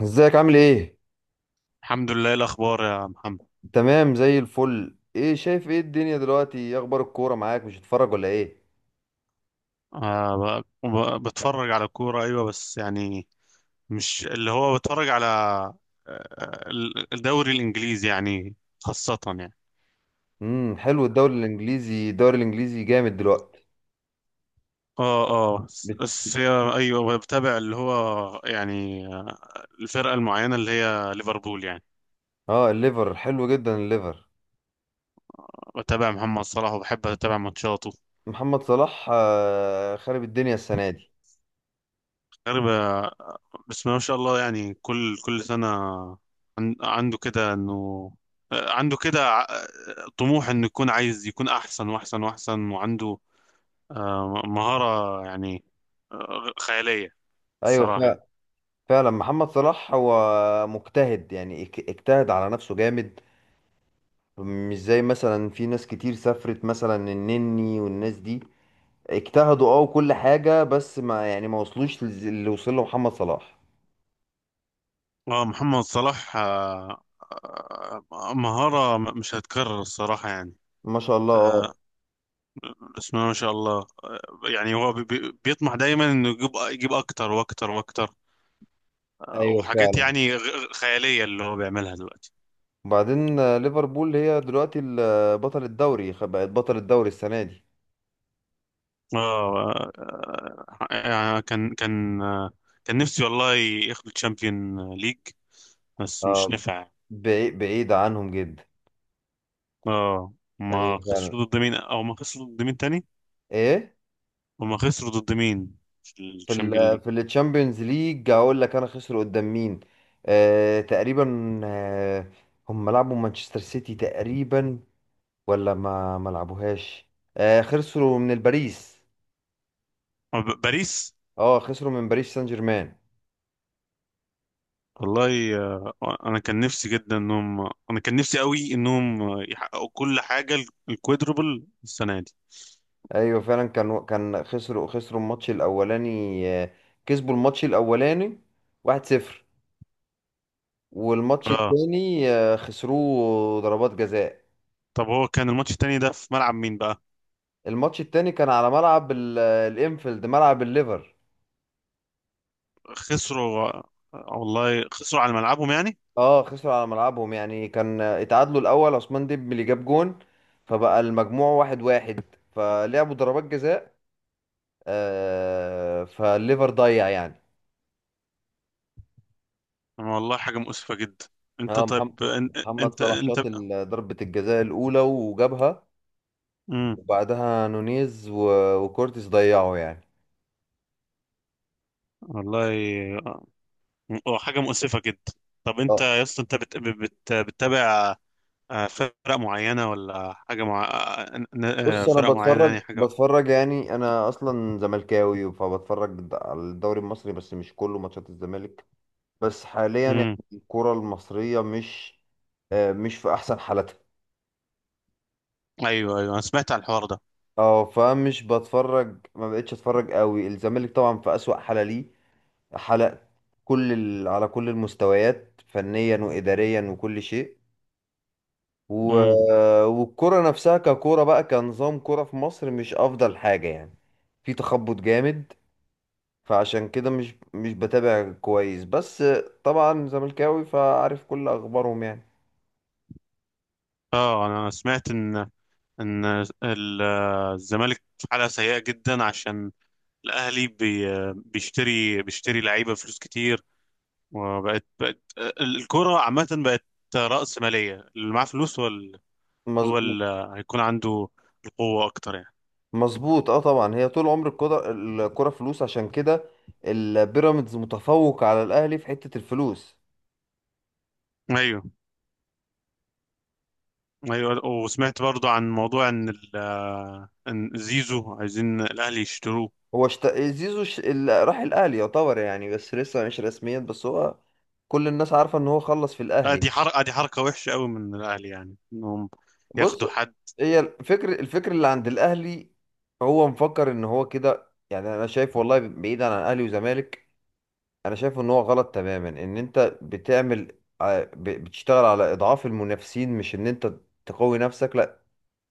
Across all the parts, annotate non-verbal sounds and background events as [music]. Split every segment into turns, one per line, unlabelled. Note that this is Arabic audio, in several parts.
ازيك؟ عامل ايه؟
الحمد لله، إيه الأخبار يا محمد؟
تمام زي الفل. ايه شايف؟ ايه الدنيا دلوقتي؟ ايه اخبار الكوره معاك؟ مش هتتفرج ولا ايه؟
آه. بتفرج على الكورة، أيوة، بس يعني مش اللي هو بتفرج على، الدوري الإنجليزي يعني، خاصة يعني.
حلو. الدوري الانجليزي جامد دلوقتي.
اه اه،
بت...
بس أيوة، بتابع اللي هو يعني، الفرقة المعينة اللي هي ليفربول يعني.
اه، الليفر حلو جدا، الليفر.
بتابع محمد صلاح وبحب أتابع ماتشاته.
محمد صلاح خرب الدنيا السنه دي.
غريبة، بس ما شاء الله، يعني كل سنة عنده كده انه، عنده كده ع- طموح انه يكون عايز يكون احسن واحسن واحسن، وعنده مهارة يعني، خيالية
ايوه
الصراحة يعني.
فعلا. فعلا محمد صلاح هو مجتهد، يعني اجتهد على نفسه جامد. مش زي مثلا، في ناس كتير سافرت مثلا، النني والناس دي اجتهدوا وكل حاجه، بس ما يعني ما وصلوش للي وصل له محمد صلاح.
اه، محمد صلاح، مهارة مش هتكرر، الصراحة يعني.
ما شاء الله. اه.
آه، بسم الله ما شاء الله، يعني هو بيطمح دايما انه يجيب اكتر واكتر واكتر،
ايوه
وحاجات
فعلا.
يعني خيالية اللي هو بيعملها دلوقتي.
وبعدين ليفربول هي دلوقتي بطل الدوري، بقت بطل الدوري السنة دي.
اه، يعني كان كان نفسي والله ياخدوا تشامبيون ليج، بس مش
اه،
نفع.
بعيد بعيد عنهم جدا.
اه.
ايوه
ما
فعلا.
خسروا ضد مين، او ما خسروا ضد مين تاني؟
ايه؟
وما خسروا ضد مين في الشامبيون ليج؟
في التشامبيونز ليج هقول لك انا خسروا قدام مين. تقريبا. آه، هم لعبوا مانشستر سيتي تقريبا، ولا ما لعبوهاش. خسروا من الباريس.
باريس.
اه، خسروا من باريس سان جيرمان.
والله، انا كان نفسي قوي انهم يحققوا كل حاجه، الكوادربل السنه دي.
ايوه فعلا. كان خسروا الماتش الاولاني. آه، كسبوا الماتش الاولاني 1-0، والماتش
اه.
التاني خسروه ضربات جزاء.
طب هو كان الماتش التاني ده في ملعب مين بقى؟
الماتش التاني كان على ملعب الانفيلد، ملعب الليفر.
خسروا والله، خسروا على ملعبهم يعني.
اه، خسروا على ملعبهم يعني. كان اتعادلوا الاول، عثمان ديمبلي اللي جاب جون، فبقى المجموع 1-1، فلعبوا ضربات جزاء. فالليفر ضيع يعني.
والله حاجة مؤسفة جدا. انت
اه،
طيب
محمد
ان-
محمد
انت
صلاح
انت
شاط ضربة الجزاء الأولى وجابها،
امم
وبعدها نونيز وكورتيس ضيعوا يعني.
والله، آه، هو حاجة مؤسفة جدا. طب انت
اه.
يا اسطى، انت بتتابع فرق معينة ولا حاجة مع،
بص، انا
فرق معينة
بتفرج
يعني، حاجة؟
بتفرج يعني. انا اصلا زملكاوي، فبتفرج على الدوري المصري، بس مش كله ماتشات الزمالك. بس حاليا يعني
امم.
الكرة المصرية مش، مش في احسن حالتها.
ايوه، ايوه، انا سمعت عن الحوار ده.
اه، فمش بتفرج، ما بقتش اتفرج قوي. الزمالك طبعا في اسوأ حالة ليه. حالة كل، ال... على كل المستويات، فنيا واداريا وكل شيء. و...
امم.
والكرة نفسها ككرة بقى، كنظام كرة في مصر، مش أفضل حاجة يعني. في تخبط جامد. فعشان كده مش بتابع كويس، بس طبعا زملكاوي فعارف كل أخبارهم يعني.
اه، انا سمعت ان، ان ال- الزمالك في حالة سيئة جدا، عشان الاهلي بيشتري لعيبة بفلوس كتير، وبقت الكرة عامة بقت رأسمالية، اللي معاه فلوس هو
مز...
هو اللي هيكون عنده القوة أكتر يعني.
مظبوط. اه، طبعا هي طول عمر الكرة، الكرة فلوس. عشان كده البيراميدز متفوق على الأهلي في حتة الفلوس.
أيوه، أيوه، وسمعت برضو عن موضوع إن زيزو عايزين الأهلي يشتروه.
هو شت... زيزو ش... ال... راح الأهلي يعتبر يعني، بس لسه مش رسميا، بس هو كل الناس عارفة إن هو خلص في
لا،
الأهلي.
دي حركة وحشة قوي من الأهلي، يعني إنهم
بص،
ياخدوا حد.
هي الفكر اللي عند الاهلي، هو مفكر ان هو كده يعني. انا شايف والله، بعيدا عن اهلي وزمالك، انا شايف ان هو غلط تماما. ان انت بتعمل بتشتغل على اضعاف المنافسين، مش ان انت تقوي نفسك. لا،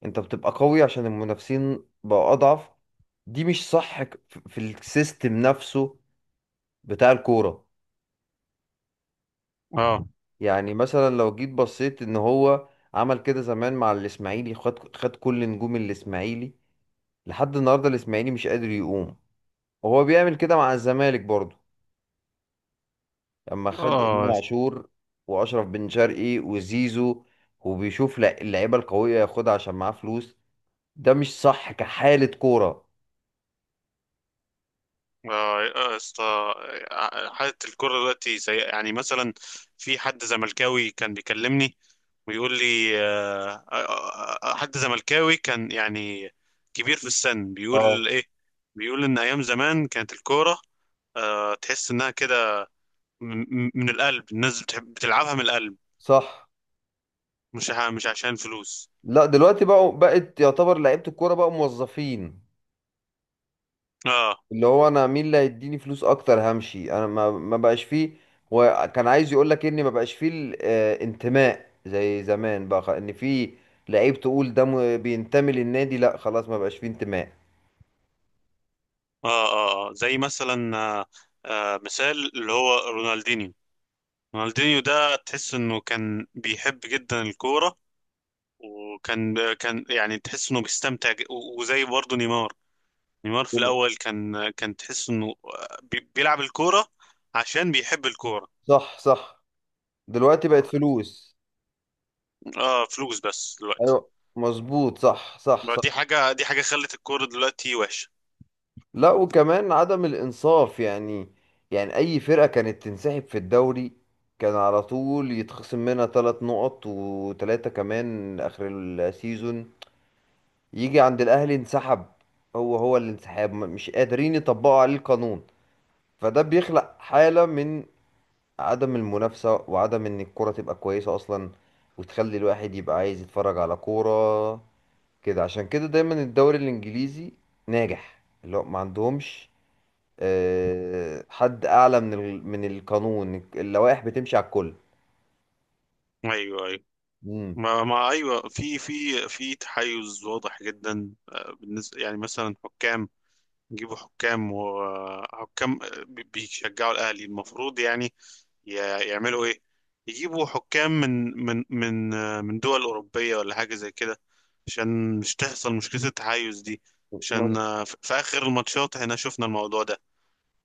انت بتبقى قوي عشان المنافسين بقوا اضعف. دي مش صح، في السيستم نفسه بتاع الكورة.
اه،
يعني مثلا لو جيت بصيت ان هو عمل كده زمان مع الاسماعيلي، خد، كل نجوم الاسماعيلي، لحد النهارده الاسماعيلي مش قادر يقوم. وهو بيعمل كده مع الزمالك برضه، لما خد امام
اه،
عاشور، واشرف بن شرقي وزيزو. وبيشوف اللعيبه القويه ياخدها عشان معاه فلوس. ده مش صح كحاله كوره.
آه. آه، اسطى، آه، آه، حالة الكرة دلوقتي زي يعني مثلا في حد زملكاوي كان بيكلمني ويقول لي آه، آه، آه، آه، حد زملكاوي كان يعني كبير في السن
اه،
بيقول ايه بيقول ان ايام زمان كانت الكورة آه، تحس انها كده م- م- من القلب الناس بتحب بتلعبها من القلب
صح
مش ع- مش عشان فلوس
لا دلوقتي بقوا بقت يعتبر لعيبه الكوره بقوا موظفين
اه
اللي هو انا مين اللي هيديني فلوس اكتر همشي انا ما ما بقاش فيه وكان عايز يقول لك اني ما بقاش فيه الانتماء زي زمان بقى خ- ان في لعيب تقول ده م- بينتمي للنادي لا خلاص ما بقاش فيه انتماء
اه اه آه. زي مثلا، مثال اللي هو رونالدينيو. رونالدينيو ده تحس انه كان بيحب جدا الكورة، وكان يعني تحس انه بيستمتع، وزي برضه نيمار. نيمار في الاول كان تحس انه بيلعب الكورة عشان بيحب الكورة.
صح صح دلوقتي بقت فلوس
اه، فلوس بس دلوقتي
ايوه مظبوط صح صح
بقى.
صح.
دي حاجة خلت الكورة دلوقتي وحشة.
لا، وكمان عدم الانصاف يعني. يعني اي فرقة كانت تنسحب في الدوري كان على طول يتخصم منها 3 نقط، وثلاثة كمان اخر السيزون. يجي عند الاهلي انسحب، هو هو الانسحاب، مش قادرين يطبقوا عليه القانون. فده بيخلق حالة من عدم المنافسة، وعدم ان الكرة تبقى كويسة اصلا، وتخلي الواحد يبقى عايز يتفرج على كورة كده. عشان كده دايما الدوري الانجليزي ناجح، اللي هو ما عندهمش حد اعلى من من القانون، اللوائح بتمشي على الكل.
ايوه، ايوه.
مم.
ما ما ايوه، في تحيز واضح جدا، بالنسبة يعني مثلا حكام، يجيبوا حكام، وحكام بيشجعوا الأهلي. المفروض يعني ي- يعملوا إيه، يجيبوا حكام من من من من دول أوروبية ولا حاجة زي كده، عشان مش تحصل مشكلة التحيز دي، عشان
مظ-
في في آخر الماتشات احنا شفنا الموضوع ده.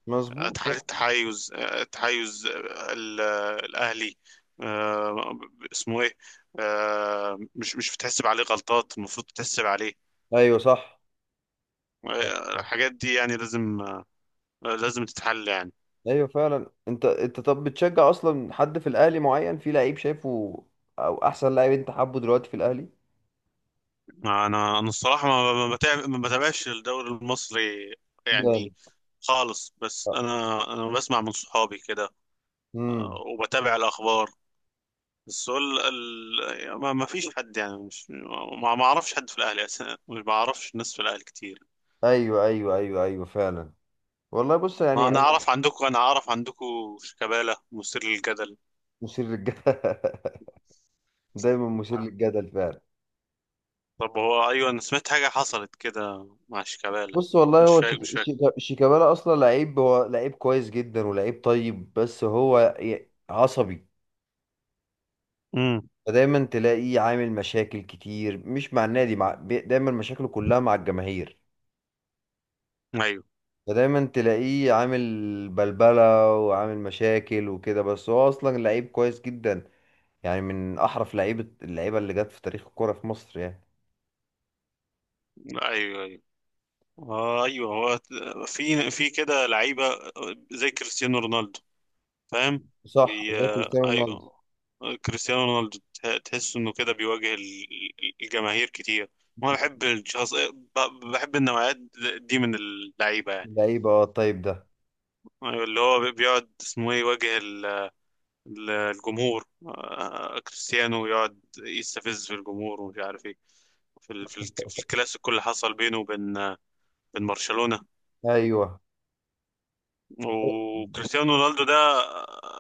مظبوط.
اتحاد
صح.
التحيز، الأهلي، آه، اسمه إيه، مش بتحسب عليه غلطات المفروض تحسب عليه،
ايوه، صح. صح.
الحاجات دي يعني لازم، لازم تتحل يعني.
ايوه فعلا. انت طب بتشجع اصلا حد في الاهلي معين؟ في لعيب شايفه او احسن لعيب انت حابه دلوقتي في الاهلي؟
انا الصراحه، ما ما ما بتابعش الدوري المصري
جامد.
يعني خالص، بس انا بسمع من صحابي كده،
امم
وبتابع الاخبار. بس هو ما ما فيش حد يعني، مش، ما ما اعرفش حد في الاهلي اساسا، ما بعرفش ناس في الاهلي كتير.
ايوه ايوه ايوه ايوه فعلا. والله بص،
ما
يعني
انا
انا...
اعرف عندكم، انا اعرف عندكم شيكابالا مثير للجدل.
مثير للجدل [laughs] دايما مثير للجدل فعلا.
طب هو، ايوه، انا سمعت حاجه حصلت كده مع شيكابالا.
بص والله،
مش
هو
فاكر، مش فاكر.
شيكابالا اصلا لعيب، هو لعيب كويس جدا ولعيب طيب، بس هو عصبي.
امم.
فدايما تلاقيه عامل مشاكل كتير، مش مع النادي، مع، دايما مشاكله كلها مع الجماهير.
ايوه،
ده دايما تلاقيه عامل بلبلة وعامل مشاكل وكده، بس هو أصلا لعيب كويس جدا. يعني من أحرف لعيبة، اللعيبة اللي جت في تاريخ الكورة في مصر يعني.
ايوه. آه، ايوه. هو في كده لعيبه زي كريستيانو رونالدو، فاهم؟
صح،
بي
زي
آه،
كريستيانو رونالدو.
ايوه، كريستيانو رونالدو تحس انه كده بيواجه الجماهير كتير. وانا بحب الشخص، بحب النوعيات دي من اللعيبه يعني.
لعيبة الطيب ده.
أيوة، اللي هو بيقعد، اسمه ايه، يواجه الجمهور، كريستيانو يقعد يستفز في الجمهور ومش عارف ايه، في في الكلاسيكو اللي حصل بينه وبين، بين برشلونة.
أيوه.
وكريستيانو رونالدو ده،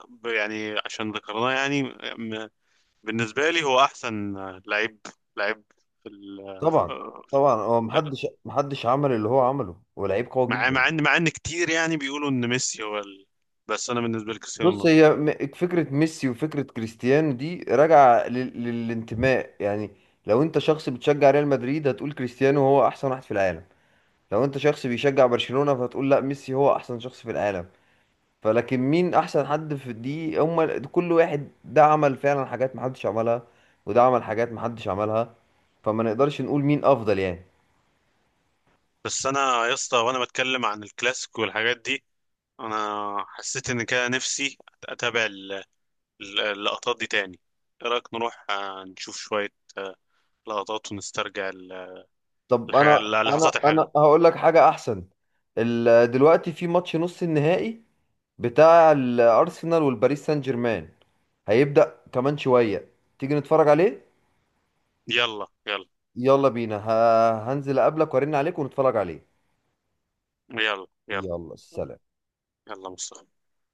يعني عشان ذكرناه يعني، م- بالنسبة لي هو أحسن لعيب لعيب في ال...
طبعا طبعا، هو محدش، عمل اللي هو عمله. هو لعيب قوي
مع
جدا.
إن كتير يعني بيقولوا إن ميسي هو ال... بس أنا بالنسبة لي كريستيانو
بص،
رونالدو.
هي فكرة ميسي وفكرة كريستيانو دي راجعة للانتماء يعني. لو انت شخص بتشجع ريال مدريد هتقول كريستيانو هو احسن واحد في العالم. لو انت شخص بيشجع برشلونة فتقول لا، ميسي هو احسن شخص في العالم. فلكن مين احسن حد في دي هم؟ كل واحد ده عمل فعلا حاجات محدش عملها، وده عمل حاجات محدش عملها. فما نقدرش نقول مين افضل يعني.
بس أنا يا اسطى، وأنا بتكلم عن الكلاسيك والحاجات دي، أنا حسيت إن كده نفسي أتابع اللقطات دي تاني. إيه رأيك نروح، نشوف شوية آه، لقطات، ونسترجع
طب
الحاجة،
انا، انا
اللحظات الحلوة.
انا هقول لك حاجة احسن. دلوقتي في ماتش نص النهائي بتاع الارسنال والباريس سان جيرمان، هيبدأ كمان شوية، تيجي نتفرج عليه؟
يلا، يلا.
يلا بينا، هنزل اقابلك وارن عليك ونتفرج عليه.
يلا، يلا.
يلا سلام.
يلا، مصطفى.